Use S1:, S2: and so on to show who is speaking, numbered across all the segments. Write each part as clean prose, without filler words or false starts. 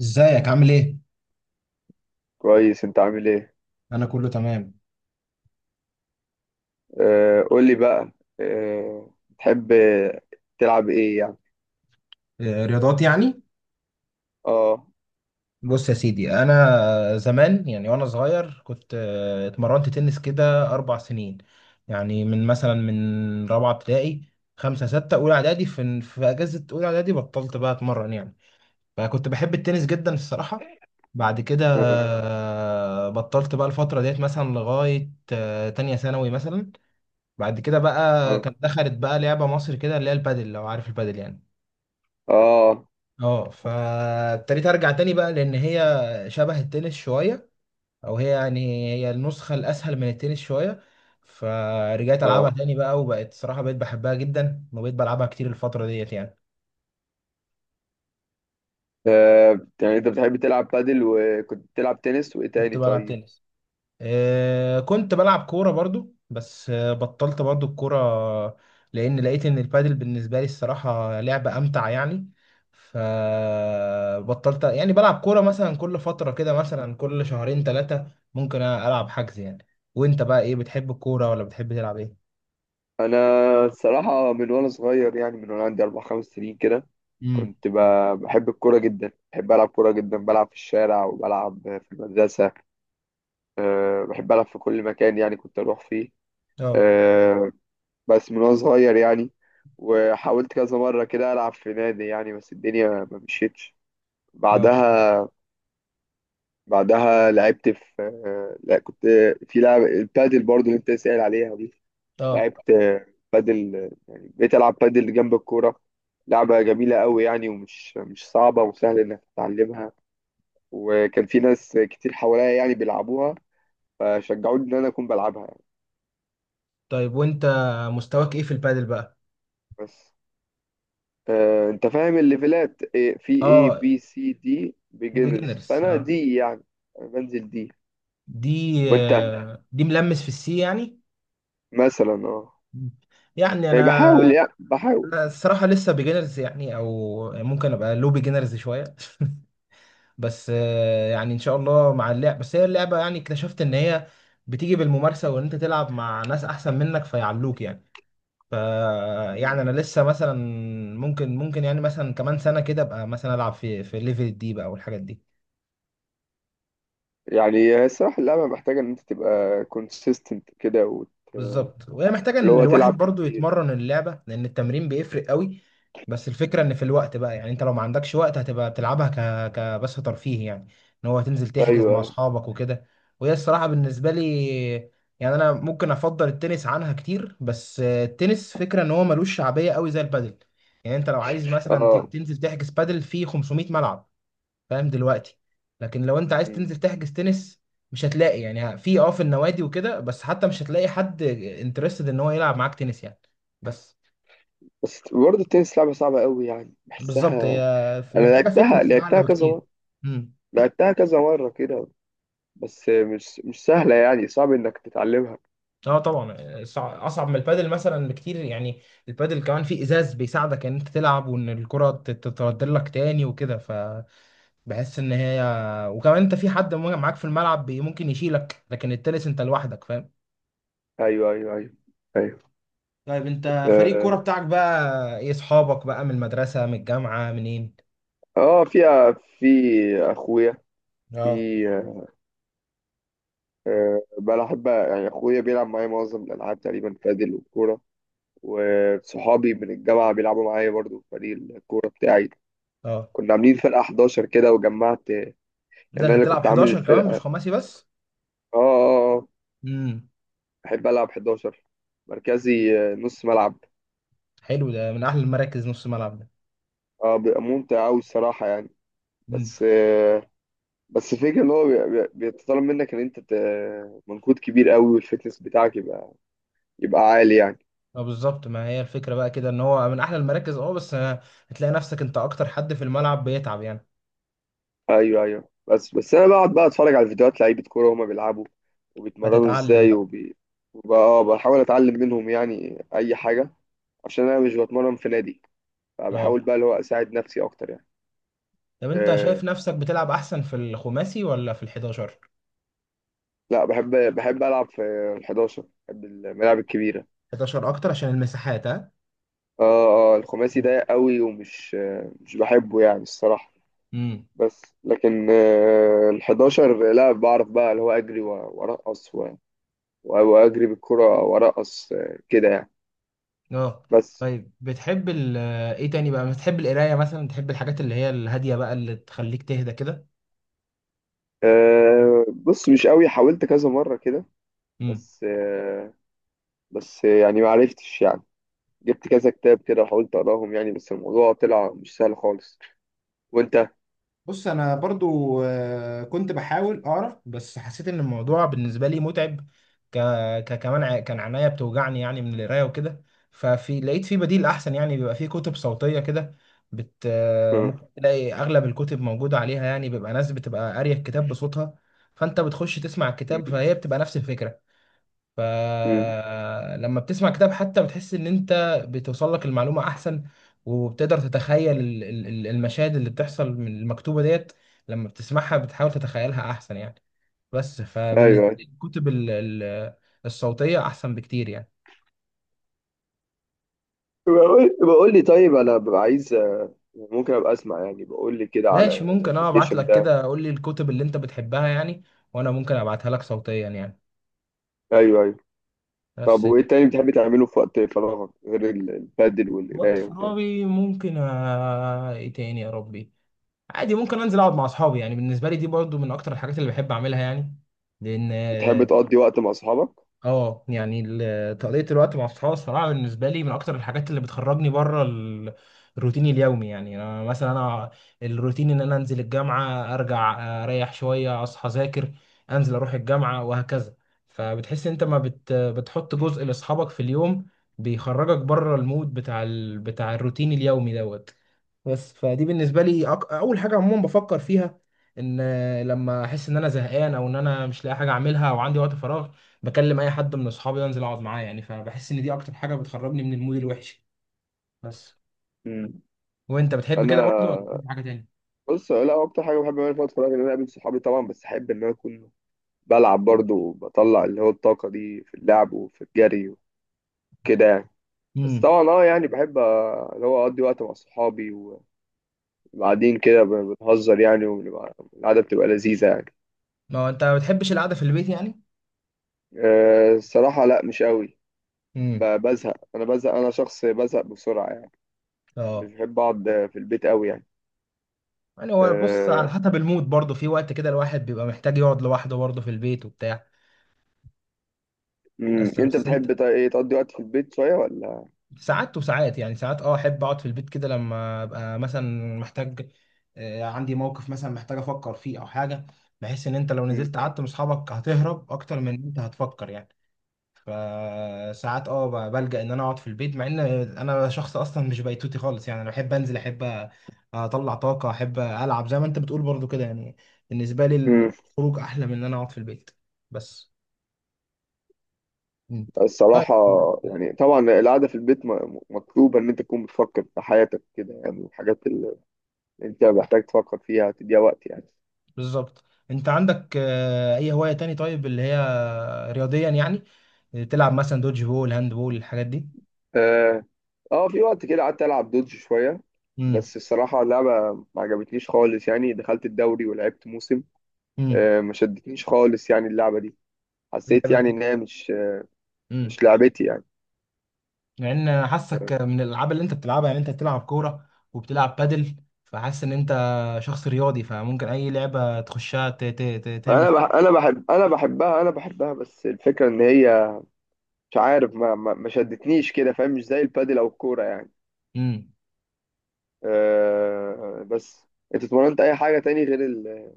S1: ازيك عامل ايه؟
S2: كويس، انت عامل ايه؟
S1: انا كله تمام.
S2: آه، قول لي بقى. آه. تحب تلعب ايه يعني؟
S1: آه، رياضات يعني.
S2: اه،
S1: بص يا سيدي، انا زمان يعني وانا صغير كنت اتمرنت تنس كده اربع سنين، يعني من مثلا من رابعه ابتدائي خمسه سته اولى اعدادي. في اجازه اولى اعدادي بطلت بقى اتمرن يعني، فكنت بحب التنس جدا الصراحه. بعد كده
S2: اه،
S1: بطلت بقى الفتره ديت مثلا لغايه تانية ثانوي مثلا. بعد كده بقى
S2: اه،
S1: كانت دخلت بقى لعبه مصر كده اللي هي البادل، لو عارف البادل يعني.
S2: اه،
S1: اه، فابتديت ارجع تاني بقى لان هي شبه التنس شويه، او هي يعني هي النسخه الاسهل من التنس شويه. فرجعت العبها
S2: اه.
S1: تاني بقى، وبقت صراحه بقيت بحبها جدا وبقيت بلعبها كتير الفتره ديت يعني.
S2: آه، يعني انت بتحب تلعب بادل وكنت بتلعب تنس وايه
S1: كنت
S2: تاني
S1: بلعب
S2: طيب؟
S1: تنس، كنت بلعب كورة برضو، بس بطلت برضو الكورة، لأن لقيت إن البادل بالنسبة لي الصراحة لعبة أمتع يعني. فبطلت يعني بلعب كورة، مثلا كل فترة كده، مثلا كل شهرين ثلاثة ممكن ألعب حجز يعني. وأنت بقى إيه، بتحب الكورة ولا بتحب تلعب إيه؟
S2: انا الصراحه من وانا صغير، يعني من وانا عندي 4 5 سنين كده،
S1: امم
S2: كنت بحب الكوره جدا، بحب العب كوره جدا، بلعب في الشارع وبلعب في المدرسه. بحب العب في كل مكان يعني، كنت اروح فيه.
S1: اه.
S2: آه، بس من وانا صغير يعني. وحاولت كذا مرة كده ألعب في نادي يعني، بس الدنيا ما مشيتش.
S1: اه.
S2: بعدها بعدها لعبت في لا كنت في لعب البادل برضو اللي انت سائل عليها دي.
S1: اه،
S2: لعبت بادل، يعني بقيت ألعب بادل جنب الكورة. لعبة جميلة قوي يعني، ومش مش صعبة، وسهل إنك تتعلمها. وكان في ناس كتير حواليا يعني بيلعبوها، فشجعوني إن أنا أكون بلعبها يعني.
S1: طيب وانت مستواك ايه في البادل بقى؟
S2: بس انت فاهم الليفلات إيه، في اي
S1: اه،
S2: بي سي دي بيجنرز،
S1: وبيجنرز
S2: فانا
S1: اه.
S2: دي يعني. انا بنزل دي.
S1: دي
S2: وانت
S1: دي ملمس في السي يعني.
S2: مثلا،
S1: يعني
S2: يعني بحاول،
S1: انا، لا الصراحة لسه بيجنرز يعني، او ممكن ابقى لو بيجنرز شوية. بس يعني ان شاء الله مع اللعب، بس هي اللعبة يعني اكتشفت ان هي بتيجي بالممارسة، وان انت تلعب مع ناس احسن منك فيعلوك يعني. ف
S2: مم.
S1: يعني انا لسه مثلا ممكن يعني مثلا كمان سنة كده ابقى مثلا العب في ليفل الدي بقى والحاجات دي.
S2: يعني هي الصراحه، اللعبه محتاجه ان انت تبقى كونسيستنت كده
S1: بالظبط، وهي محتاجة
S2: اللي
S1: ان
S2: هو تلعب
S1: الواحد برضو
S2: كتير.
S1: يتمرن اللعبة، لان التمرين بيفرق قوي. بس الفكرة ان في الوقت بقى، يعني انت لو ما عندكش وقت هتبقى بتلعبها كبس ترفيه يعني، ان هو هتنزل تحجز
S2: ايوه،
S1: مع
S2: أيوه.
S1: اصحابك وكده. وهي الصراحة بالنسبة لي، يعني انا ممكن افضل التنس عنها كتير، بس التنس فكرة ان هو ملوش شعبية قوي زي البادل. يعني انت لو عايز مثلا
S2: اه.
S1: تنزل تحجز بادل في 500 ملعب، فاهم دلوقتي؟ لكن لو انت عايز
S2: مم.
S1: تنزل تحجز تنس، مش هتلاقي يعني في اه في النوادي وكده، بس حتى مش هتلاقي حد انترستد ان هو يلعب معاك تنس يعني. بس
S2: بس برضه التنس لعبه صعبه قوي يعني،
S1: بالظبط، هي
S2: بحسها. انا
S1: محتاجه
S2: لعبتها
S1: فتنس اعلى
S2: لعبتها كذا
S1: بكتير.
S2: مره،
S1: امم
S2: لعبتها كذا مره كده. بس مش سهله، يعني صعب انك تتعلمها.
S1: اه طبعا. اصعب من البادل مثلا بكتير يعني. البادل كمان فيه ازاز بيساعدك ان انت تلعب، وان الكره تتردل لك تاني وكده، فبحس ان هي، وكمان انت في حد معاك في الملعب ممكن يشيلك، لكن التنس انت لوحدك، فاهم؟
S2: ايوه، ايوه، ايوه، ايوه.
S1: طيب، انت فريق الكوره
S2: آه.
S1: بتاعك بقى ايه؟ اصحابك بقى من المدرسه، من الجامعه، منين؟
S2: اه، فيها. في اخويا في
S1: اه.
S2: آه، بلعب، يعني اخويا بيلعب معايا معظم الالعاب تقريبا، بادل والكوره. وصحابي من الجامعه بيلعبوا معايا برضو في فريق الكوره بتاعي.
S1: اه،
S2: كنا عاملين فرقه 11 كده، وجمعت يعني.
S1: ده
S2: انا
S1: انت
S2: اللي
S1: بتلعب
S2: كنت عامل
S1: 11 كمان،
S2: الفرقه.
S1: مش
S2: اه،
S1: خماسي بس؟
S2: اه، اه.
S1: امم
S2: بحب العب 11 مركزي، نص ملعب.
S1: حلو، ده من احلى المراكز نص ملعب ده.
S2: اه، بيبقى ممتع قوي الصراحه يعني.
S1: امم
S2: بس آه، بس الفكره ان هو بيتطلب منك ان انت منكود كبير قوي، والفتنس بتاعك يبقى عالي يعني.
S1: اه، بالظبط، ما هي الفكره بقى كده ان هو من احلى المراكز، اه بس هتلاقي نفسك انت اكتر حد في الملعب بيتعب يعني.
S2: ايوه، ايوه. بس انا بقعد بقى اتفرج على فيديوهات لعيبه كوره وهما بيلعبوا، وبيتمرنوا
S1: فتتعلم
S2: ازاي
S1: بقى.
S2: وبقى بحاول اتعلم منهم يعني اي حاجه، عشان انا مش بتمرن في نادي، فبحاول
S1: اه،
S2: بقى اللي هو اساعد نفسي اكتر يعني.
S1: طب انت
S2: أه،
S1: شايف نفسك بتلعب احسن في الخماسي ولا في ال 11؟
S2: لا. بحب العب في ال 11، بحب الملاعب الكبيره.
S1: 11 اكتر عشان المساحات، ها؟
S2: اه، اه. الخماسي ضيق قوي، ومش آه، مش بحبه يعني الصراحه.
S1: امم
S2: بس لكن ال 11، لا بعرف بقى اللي هو اجري وارقص واجري بالكره وارقص كده يعني.
S1: اه.
S2: بس.
S1: طيب، بتحب ال ايه تاني بقى؟ بتحب القرايه مثلا؟ بتحب الحاجات اللي هي الهاديه بقى، اللي تخليك تهدى كده؟
S2: آه، بص مش قوي. حاولت كذا مرة كده،
S1: امم
S2: بس آه بس يعني ما عرفتش يعني. جبت كذا كتاب كده وحاولت أقراهم يعني، بس الموضوع طلع مش سهل خالص. وأنت؟
S1: بص انا برضو كنت بحاول اقرا، بس حسيت ان الموضوع بالنسبه لي متعب. ك... كمان كان عينيا بتوجعني يعني من القرايه وكده. ففي لقيت في بديل احسن يعني، بيبقى في كتب صوتيه كده بت آه،
S2: آه.
S1: ممكن تلاقي اغلب الكتب موجوده عليها. يعني بيبقى ناس بتبقى قاريه الكتاب بصوتها، فانت بتخش تسمع الكتاب،
S2: م-
S1: فهي بتبقى نفس الفكره.
S2: م.
S1: فلما بتسمع كتاب، حتى بتحس ان انت بتوصل لك المعلومة احسن، وبتقدر تتخيل المشاهد اللي بتحصل من المكتوبة ديت، لما بتسمعها بتحاول تتخيلها احسن يعني. بس
S2: أيوه،
S1: فبالنسبة
S2: أيوه.
S1: لي الكتب الصوتية احسن بكتير يعني.
S2: بقول لي طيب أنا ببقى عايز، ممكن أبقى أسمع، يعني بقول لي كده
S1: ماشي،
S2: على
S1: ممكن اه ابعت
S2: الأبلكيشن
S1: لك
S2: ده.
S1: كده، قول لي الكتب اللي انت بتحبها يعني، وانا ممكن ابعتها لك صوتيا يعني.
S2: أيوه، أيوه. طب
S1: بس،
S2: وإيه تاني بتحب تعمله في وقت فراغك غير البادل
S1: وقت
S2: والقراية وكده؟
S1: فراغي ممكن ايه تاني يا ربي، عادي ممكن انزل اقعد مع اصحابي، يعني بالنسبه لي دي برضو من اكتر الحاجات اللي بحب اعملها يعني، لان
S2: بتحب
S1: اه،
S2: تقضي وقت مع أصحابك؟
S1: آه، يعني تقضيه الوقت مع اصحابي الصراحه بالنسبه لي من اكتر الحاجات اللي بتخرجني بره ال الروتين اليومي، يعني انا مثلا انا الروتين ان انا انزل الجامعه، ارجع اريح شويه، اصحى اذاكر، انزل اروح الجامعه وهكذا. فبتحس انت ما بتحط جزء لاصحابك في اليوم بيخرجك بره المود بتاع الروتين اليومي دوت. بس فدي بالنسبه لي اول حاجه عموما بفكر فيها، ان لما احس ان انا زهقان، او ان انا مش لاقي حاجه اعملها، او عندي وقت فراغ، بكلم اي حد من اصحابي، انزل اقعد معاه، يعني فبحس ان دي اكتر حاجه بتخرجني من المود الوحش بس.
S2: م.
S1: وانت بتحب كده
S2: أنا
S1: برضه ولا بتحب حاجه تاني؟
S2: بص، لا، هو اكتر حاجه بحب اعملها في وقت فراغي ان انا اقابل صحابي طبعا، بس احب ان انا اكون بلعب برضه، وبطلع اللي هو الطاقه دي في اللعب وفي الجري وكده يعني. بس
S1: امم
S2: طبعا، يعني بحب اللي هو اقضي وقت مع صحابي. وبعدين كده بنهزر يعني، القعده بتبقى لذيذه يعني.
S1: ما هو انت ما بتحبش القعده في البيت يعني؟
S2: آه، الصراحه لا، مش قوي.
S1: امم
S2: بزهق، انا بزهق، انا شخص بزهق بسرعه يعني. مش
S1: اه،
S2: بحب اقعد في البيت قوي يعني.
S1: يعني هو بص، على
S2: أه.
S1: حسب المود برضه، في وقت كده الواحد بيبقى محتاج يقعد لوحده برضه في البيت وبتاع.
S2: مم.
S1: بس
S2: انت
S1: بس انت،
S2: بتحب ايه، تقضي وقت في البيت شويه ولا؟
S1: ساعات وساعات، يعني ساعات اه احب اقعد في البيت كده لما ابقى مثلا محتاج، عندي موقف مثلا محتاج افكر فيه او حاجه، بحيث ان انت لو نزلت قعدت مع اصحابك هتهرب اكتر من ان انت هتفكر يعني. فساعات اه بلجأ ان انا اقعد في البيت، مع ان انا شخص اصلا مش بيتوتي خالص يعني، انا بحب انزل، احب اطلع طاقه، احب العب زي ما انت بتقول برضو كده يعني. بالنسبه لي
S2: مم.
S1: الخروج احلى من ان انا اقعد في البيت. بس مم. طيب
S2: الصراحة، يعني طبعا القعدة في البيت مطلوبة إن أنت تكون بتفكر في حياتك كده، يعني الحاجات اللي أنت محتاج تفكر فيها تديها وقت يعني.
S1: بالظبط. انت عندك اي هواية تاني طيب، اللي هي رياضيا يعني، تلعب مثلا دوج بول، هاند بول، الحاجات دي؟
S2: آه. في وقت كده قعدت ألعب دودج شوية.
S1: امم
S2: بس الصراحة اللعبة ما عجبتنيش خالص يعني، دخلت الدوري ولعبت موسم.
S1: امم
S2: آه، ما شدتنيش خالص يعني اللعبة دي. حسيت يعني
S1: لعبة.
S2: إن هي مش
S1: امم
S2: مش لعبتي يعني.
S1: لان انا حاسك من الالعاب اللي انت بتلعبها يعني، انت بتلعب كورة وبتلعب بادل، فحاسس ان انت شخص رياضي، فممكن اي لعبة تخشها تعمل.
S2: أنا بحبها، بس الفكرة إن هي مش عارف، ما شدتنيش كده، فاهم؟ مش زي البادل أو الكورة يعني.
S1: امم
S2: بس انت اتمرنت اي حاجه تاني غير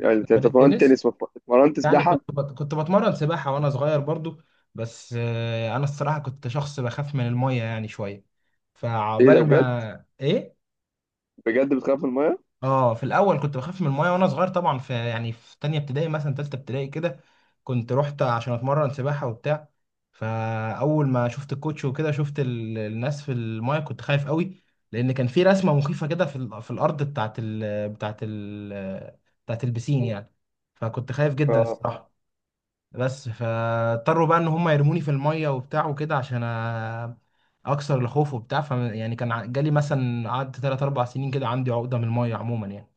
S2: يعني انت
S1: غير
S2: اتمرنت
S1: التنس،
S2: تنس واتمرنت
S1: يعني
S2: سباحه؟
S1: كنت بتمرن سباحة وانا صغير برضو، بس انا الصراحة كنت شخص بخاف من المية يعني شوية،
S2: ايه ده،
S1: فعقبال
S2: بجد؟
S1: ما ايه.
S2: بجد، بتخاف من
S1: اه، في الاول كنت بخاف من المايه وانا صغير طبعا، في يعني في تانية ابتدائي مثلا، تالتة ابتدائي كده، كنت رحت عشان اتمرن سباحة وبتاع، فاول ما شفت الكوتش وكده، شفت الناس في المايه كنت خايف قوي، لان كان في رسمة مخيفة كده في الارض بتاعت البسين يعني، فكنت خايف جدا
S2: الميه؟
S1: الصراحة. بس فاضطروا بقى ان هم يرموني في المايه وبتاع وكده عشان اكسر الخوف وبتاع، ف يعني كان جالي مثلا، قعدت 3 4 سنين كده عندي عقدة من المايه عموما يعني